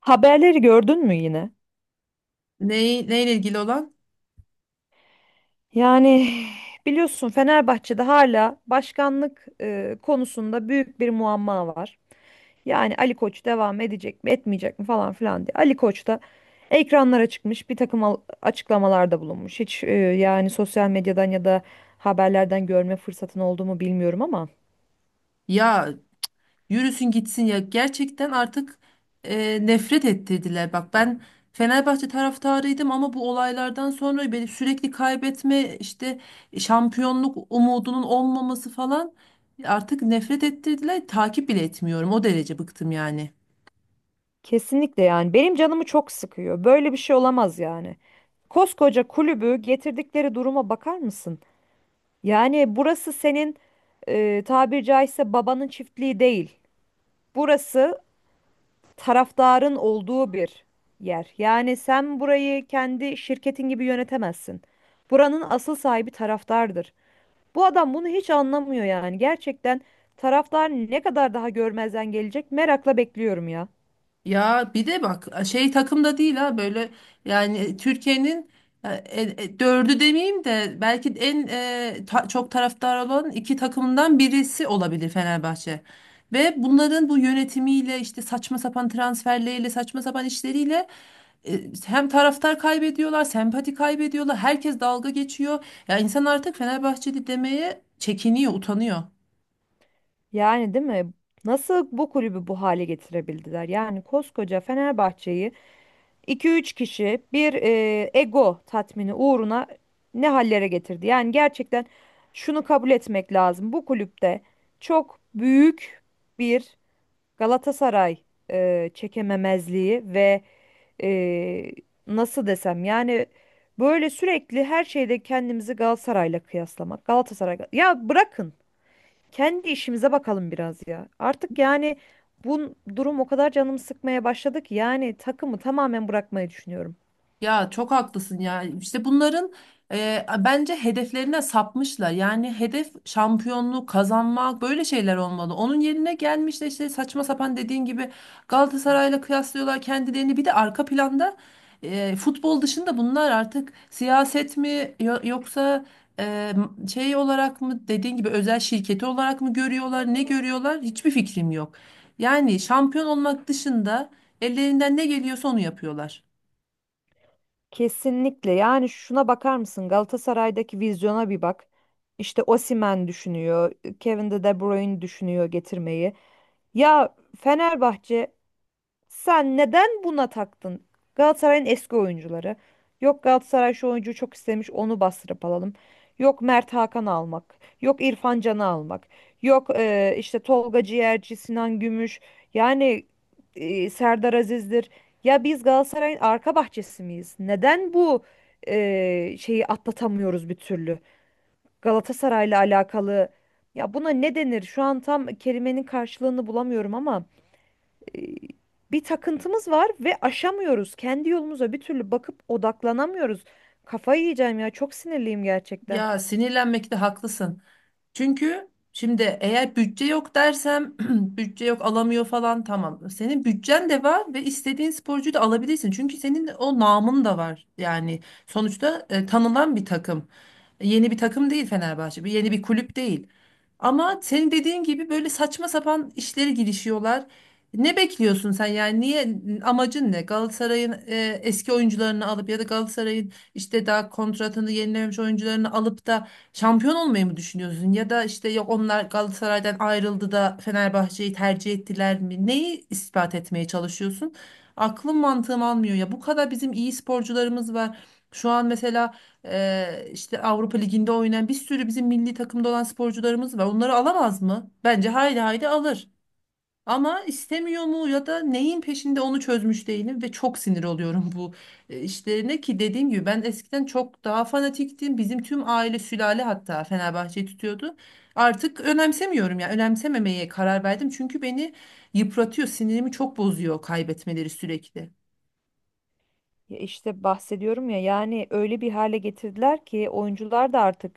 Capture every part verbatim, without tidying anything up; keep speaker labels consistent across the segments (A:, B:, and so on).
A: Haberleri gördün mü yine?
B: Ney- neyle ilgili olan?
A: Yani biliyorsun Fenerbahçe'de hala başkanlık e, konusunda büyük bir muamma var. Yani Ali Koç devam edecek mi, etmeyecek mi falan filan diye. Ali Koç da ekranlara çıkmış, bir takım al- açıklamalarda bulunmuş. Hiç e, yani sosyal medyadan ya da haberlerden görme fırsatın oldu mu bilmiyorum ama
B: Ya yürüsün gitsin ya. Gerçekten artık e, nefret ettirdiler. Bak ben Fenerbahçe taraftarıydım ama bu olaylardan sonra beni sürekli kaybetme işte şampiyonluk umudunun olmaması falan artık nefret ettirdiler. Takip bile etmiyorum. O derece bıktım yani.
A: kesinlikle yani benim canımı çok sıkıyor. Böyle bir şey olamaz yani. Koskoca kulübü getirdikleri duruma bakar mısın? Yani burası senin e, tabiri caizse babanın çiftliği değil. Burası taraftarın olduğu bir yer. Yani sen burayı kendi şirketin gibi yönetemezsin. Buranın asıl sahibi taraftardır. Bu adam bunu hiç anlamıyor yani. Gerçekten taraftar ne kadar daha görmezden gelecek merakla bekliyorum ya.
B: Ya bir de bak şey takımda değil ha böyle yani e, Türkiye'nin e, e, e, dördü demeyeyim de belki en e, ta- çok taraftar olan iki takımdan birisi olabilir Fenerbahçe. Ve bunların bu yönetimiyle işte saçma sapan transferleriyle saçma sapan işleriyle e, hem taraftar kaybediyorlar, sempati kaybediyorlar, herkes dalga geçiyor. Ya insan artık Fenerbahçeli demeye çekiniyor, utanıyor.
A: Yani değil mi? Nasıl bu kulübü bu hale getirebildiler? Yani koskoca Fenerbahçe'yi iki üç kişi bir e, ego tatmini uğruna ne hallere getirdi. Yani gerçekten şunu kabul etmek lazım. Bu kulüpte çok büyük bir Galatasaray e, çekememezliği ve e, nasıl desem yani böyle sürekli her şeyde kendimizi Galatasaray'la kıyaslamak. Galatasaray ya bırakın kendi işimize bakalım biraz ya. Artık yani bu durum o kadar canımı sıkmaya başladı ki yani takımı tamamen bırakmayı düşünüyorum.
B: Ya çok haklısın ya. İşte bunların e, bence hedeflerine sapmışlar. Yani hedef şampiyonluğu kazanmak böyle şeyler olmalı. Onun yerine gelmiş de işte saçma sapan dediğin gibi Galatasaray'la kıyaslıyorlar kendilerini. Bir de arka planda e, futbol dışında bunlar artık siyaset mi yo- yoksa e, şey olarak mı dediğin gibi özel şirketi olarak mı görüyorlar, ne görüyorlar? Hiçbir fikrim yok. Yani şampiyon olmak dışında ellerinden ne geliyorsa onu yapıyorlar.
A: Kesinlikle. Yani şuna bakar mısın? Galatasaray'daki vizyona bir bak. İşte Osimhen düşünüyor, Kevin de De Bruyne düşünüyor getirmeyi. Ya Fenerbahçe sen neden buna taktın? Galatasaray'ın eski oyuncuları. Yok Galatasaray şu oyuncuyu çok istemiş onu bastırıp alalım. Yok Mert Hakan almak. Yok İrfan Can'ı almak. Yok e, işte Tolga Ciğerci, Sinan Gümüş. Yani e, Serdar Aziz'dir. Ya biz Galatasaray'ın arka bahçesi miyiz? Neden bu e, şeyi atlatamıyoruz bir türlü? Galatasaray'la alakalı. Ya buna ne denir? Şu an tam kelimenin karşılığını bulamıyorum ama e, bir takıntımız var ve aşamıyoruz. Kendi yolumuza bir türlü bakıp odaklanamıyoruz. Kafayı yiyeceğim ya çok sinirliyim gerçekten.
B: Ya sinirlenmekte haklısın. Çünkü şimdi eğer bütçe yok dersem bütçe yok alamıyor falan tamam. Senin bütçen de var ve istediğin sporcuyu da alabilirsin. Çünkü senin o namın da var. Yani sonuçta e, tanınan bir takım. Yeni bir takım değil Fenerbahçe. Bir yeni bir kulüp değil. Ama senin dediğin gibi böyle saçma sapan işleri girişiyorlar. Ne bekliyorsun sen yani niye amacın ne? Galatasaray'ın e, eski oyuncularını alıp ya da Galatasaray'ın işte daha kontratını yenilememiş oyuncularını alıp da şampiyon olmayı mı düşünüyorsun? Ya da işte yok onlar Galatasaray'dan ayrıldı da Fenerbahçe'yi tercih ettiler mi? Neyi ispat etmeye çalışıyorsun? Aklım mantığım almıyor ya. Bu kadar bizim iyi sporcularımız var. Şu an mesela ee, işte Avrupa Ligi'nde oynayan bir sürü bizim milli takımda olan sporcularımız var. Onları alamaz mı? Bence haydi haydi alır. Ama istemiyor mu ya da neyin peşinde onu çözmüş değilim ve çok sinir oluyorum bu e, işlerine ki dediğim gibi ben eskiden çok daha fanatiktim. Bizim tüm aile sülale hatta Fenerbahçe'yi tutuyordu. Artık önemsemiyorum yani önemsememeye karar verdim çünkü beni yıpratıyor, sinirimi çok bozuyor kaybetmeleri sürekli.
A: Ya işte bahsediyorum ya yani öyle bir hale getirdiler ki oyuncular da artık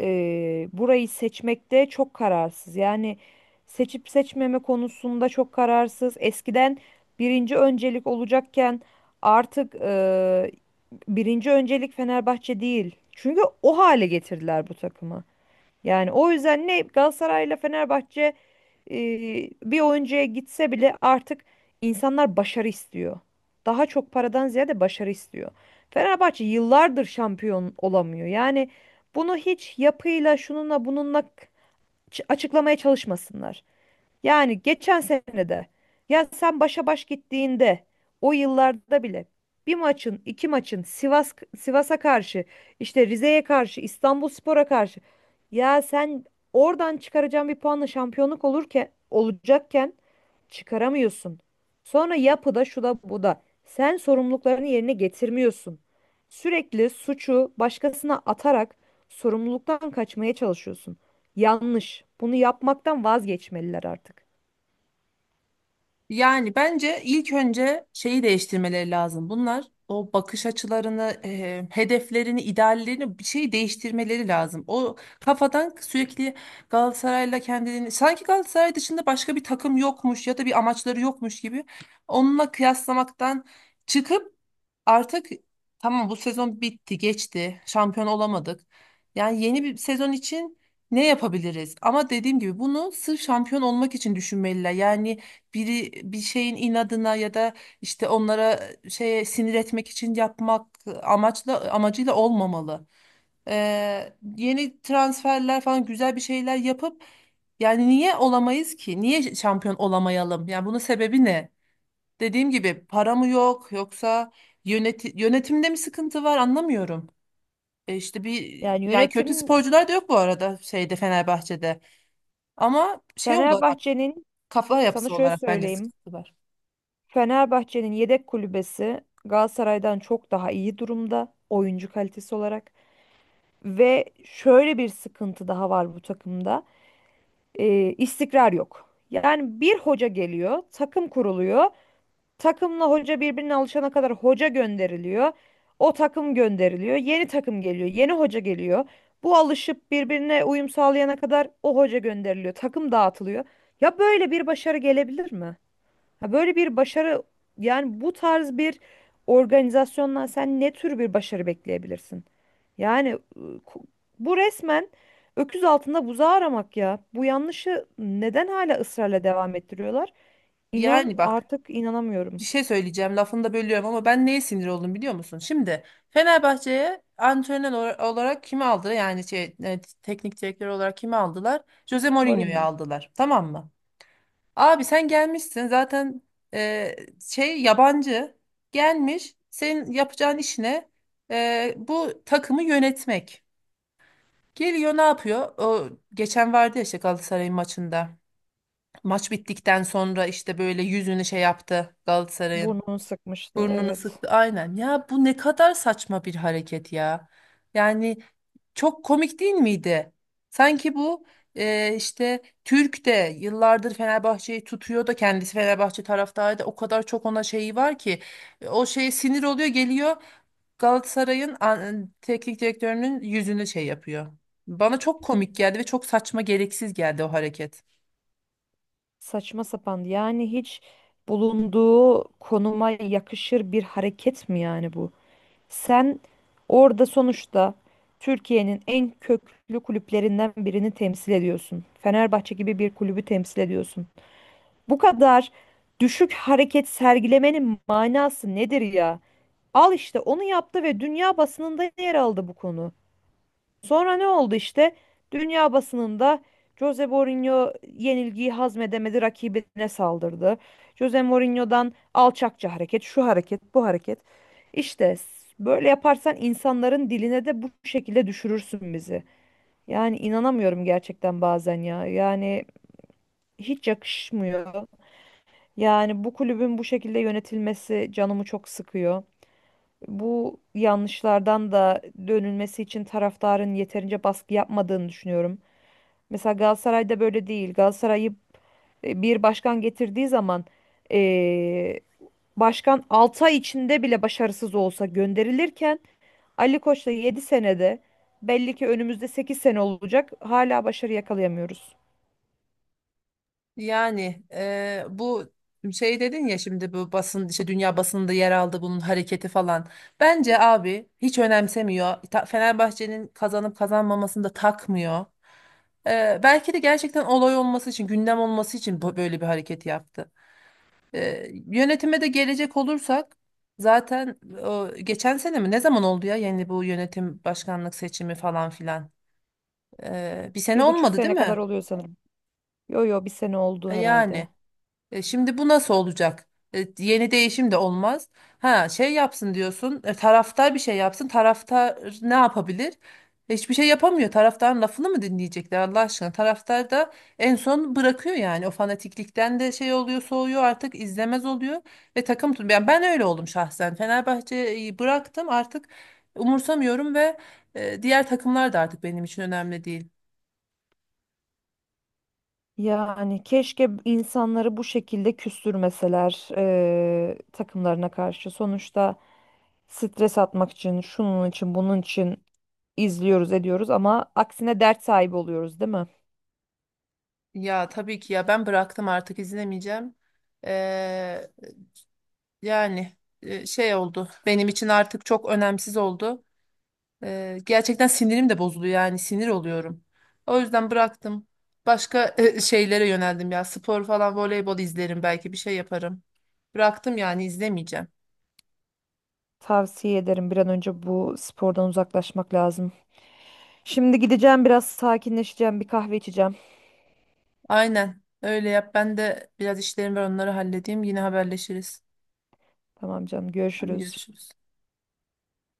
A: e, burayı seçmekte çok kararsız. Yani seçip seçmeme konusunda çok kararsız. Eskiden birinci öncelik olacakken artık e, birinci öncelik Fenerbahçe değil. Çünkü o hale getirdiler bu takımı. Yani o yüzden ne Galatasaray'la Fenerbahçe e, bir oyuncuya gitse bile artık insanlar başarı istiyor. Daha çok paradan ziyade başarı istiyor. Fenerbahçe yıllardır şampiyon olamıyor. Yani bunu hiç yapıyla şununla bununla ç- açıklamaya çalışmasınlar. Yani geçen senede ya sen başa baş gittiğinde o yıllarda bile bir maçın, iki maçın Sivas Sivas'a karşı, işte Rize'ye karşı, İstanbulspor'a karşı ya sen oradan çıkaracağın bir puanla şampiyonluk olurken olacakken çıkaramıyorsun. Sonra yapıda şu da bu da. Sen sorumluluklarını yerine getirmiyorsun. Sürekli suçu başkasına atarak sorumluluktan kaçmaya çalışıyorsun. Yanlış. Bunu yapmaktan vazgeçmeliler artık.
B: Yani bence ilk önce şeyi değiştirmeleri lazım. Bunlar o bakış açılarını, e, hedeflerini, ideallerini bir şey değiştirmeleri lazım. O kafadan sürekli Galatasaray'la kendini sanki Galatasaray dışında başka bir takım yokmuş ya da bir amaçları yokmuş gibi onunla kıyaslamaktan çıkıp artık tamam bu sezon bitti, geçti. Şampiyon olamadık. Yani yeni bir sezon için ne yapabiliriz? Ama dediğim gibi bunu sırf şampiyon olmak için düşünmeliler. Yani biri bir şeyin inadına ya da işte onlara e, şeye sinir etmek için yapmak amaçla amacıyla olmamalı. Ee, yeni transferler falan güzel bir şeyler yapıp yani niye olamayız ki? Niye şampiyon olamayalım? Yani bunun sebebi ne? Dediğim gibi para mı yok yoksa yöneti- yönetimde mi sıkıntı var anlamıyorum. E işte bir
A: Yani
B: yani kötü
A: yönetim
B: sporcular da yok bu arada şeyde Fenerbahçe'de. Ama şey olarak
A: Fenerbahçe'nin
B: kafa
A: Sana
B: yapısı
A: şöyle
B: olarak bence
A: söyleyeyim.
B: sıkıntı var.
A: Fenerbahçe'nin yedek kulübesi Galatasaray'dan çok daha iyi durumda oyuncu kalitesi olarak ve şöyle bir sıkıntı daha var bu takımda. Ee, istikrar yok. Yani bir hoca geliyor, takım kuruluyor. Takımla hoca birbirine alışana kadar hoca gönderiliyor. O takım gönderiliyor. Yeni takım geliyor. Yeni hoca geliyor. Bu alışıp birbirine uyum sağlayana kadar o hoca gönderiliyor. Takım dağıtılıyor. Ya böyle bir başarı gelebilir mi? Ha böyle bir başarı yani bu tarz bir organizasyondan sen ne tür bir başarı bekleyebilirsin? Yani ıı, ku- bu resmen öküz altında buzağı aramak ya. Bu yanlışı neden hala ısrarla devam ettiriyorlar? İnan
B: Yani bak
A: artık inanamıyorum.
B: bir şey söyleyeceğim lafını da bölüyorum ama ben neye sinir oldum biliyor musun? Şimdi Fenerbahçe'ye antrenör ola- olarak kimi aldı? Yani şey, e, teknik direktör olarak kimi aldılar? Jose Mourinho'yu
A: Mourinho.
B: aldılar tamam mı? Abi sen gelmişsin zaten e, şey yabancı gelmiş senin yapacağın işine e, bu takımı yönetmek. Geliyor ne yapıyor? O geçen vardı ya işte Galatasaray'ın maçında. Maç bittikten sonra işte böyle yüzünü şey yaptı Galatasaray'ın.
A: Burnunu sıkmıştı,
B: Burnunu
A: evet.
B: sıktı. Aynen. Ya bu ne kadar saçma bir hareket ya. Yani çok komik değil miydi? Sanki bu e, işte Türk de yıllardır Fenerbahçe'yi tutuyor da kendisi Fenerbahçe taraftarı da o kadar çok ona şeyi var ki e, o şeye sinir oluyor geliyor Galatasaray'ın an- e, teknik direktörünün yüzünü şey yapıyor. Bana çok komik geldi ve çok saçma gereksiz geldi o hareket.
A: Saçma sapan yani hiç bulunduğu konuma yakışır bir hareket mi yani bu? Sen orada sonuçta Türkiye'nin en köklü kulüplerinden birini temsil ediyorsun. Fenerbahçe gibi bir kulübü temsil ediyorsun. Bu kadar düşük hareket sergilemenin manası nedir ya? Al işte onu yaptı ve dünya basınında yer aldı bu konu. Sonra ne oldu işte? Dünya basınında Jose Mourinho yenilgiyi hazmedemedi, rakibine saldırdı. Jose Mourinho'dan alçakça hareket, şu hareket, bu hareket. İşte s- Böyle yaparsan insanların diline de bu şekilde düşürürsün bizi. Yani inanamıyorum gerçekten bazen ya. Yani hiç yakışmıyor. Yani bu kulübün bu şekilde yönetilmesi canımı çok sıkıyor. Bu yanlışlardan da dönülmesi için taraftarın yeterince baskı yapmadığını düşünüyorum. Mesela Galatasaray'da böyle değil. Galatasaray'ı e, bir başkan getirdiği zaman e, başkan altı ay içinde bile başarısız olsa gönderilirken Ali Koç'la yedi senede belli ki önümüzde sekiz sene olacak hala başarı yakalayamıyoruz.
B: Yani eee, bu şey dedin ya şimdi bu basın işte dünya basınında yer aldı bunun hareketi falan. Bence abi hiç önemsemiyor. Ta- Fenerbahçe'nin kazanıp kazanmamasını da takmıyor. Eee, belki de gerçekten olay olması için, gündem olması için bu- böyle bir hareket yaptı. Eee, yönetime de gelecek olursak zaten o, geçen sene mi ne zaman oldu ya yani bu yönetim başkanlık seçimi falan filan. Eee, bir sene
A: Bir buçuk
B: olmadı değil
A: sene kadar
B: mi?
A: oluyor sanırım. Yo yo bir sene oldu
B: E,
A: herhalde.
B: Yani. E, şimdi bu nasıl olacak? E, yeni değişim de olmaz. Ha şey yapsın diyorsun. E, taraftar bir şey yapsın. Taraftar ne yapabilir? Hiçbir şey yapamıyor. Taraftarın lafını mı dinleyecekler Allah aşkına? Taraftar da en son bırakıyor yani. O fanatiklikten de şey oluyor, soğuyor artık izlemez oluyor ve takım tut. Yani ben öyle oldum şahsen. Fenerbahçe'yi bıraktım artık umursamıyorum ve e, diğer takımlar da artık benim için önemli değil.
A: Yani keşke insanları bu şekilde küstürmeseler eee, takımlarına karşı. Sonuçta stres atmak için, şunun için, bunun için izliyoruz, ediyoruz ama aksine dert sahibi oluyoruz, değil mi?
B: Ya tabii ki ya ben bıraktım artık izlemeyeceğim. E, Yani e, şey oldu. Benim için artık çok önemsiz oldu. E, gerçekten sinirim de bozuldu yani sinir oluyorum. O yüzden bıraktım. Başka e, şeylere yöneldim ya. Spor falan, voleybol izlerim belki bir şey yaparım. Bıraktım yani izlemeyeceğim.
A: Tavsiye ederim bir an önce bu spordan uzaklaşmak lazım. Şimdi gideceğim biraz sakinleşeceğim, bir kahve içeceğim.
B: Aynen. Öyle yap. Ben de biraz işlerim var onları halledeyim. Yine haberleşiriz.
A: Tamam canım,
B: Hadi
A: görüşürüz.
B: görüşürüz.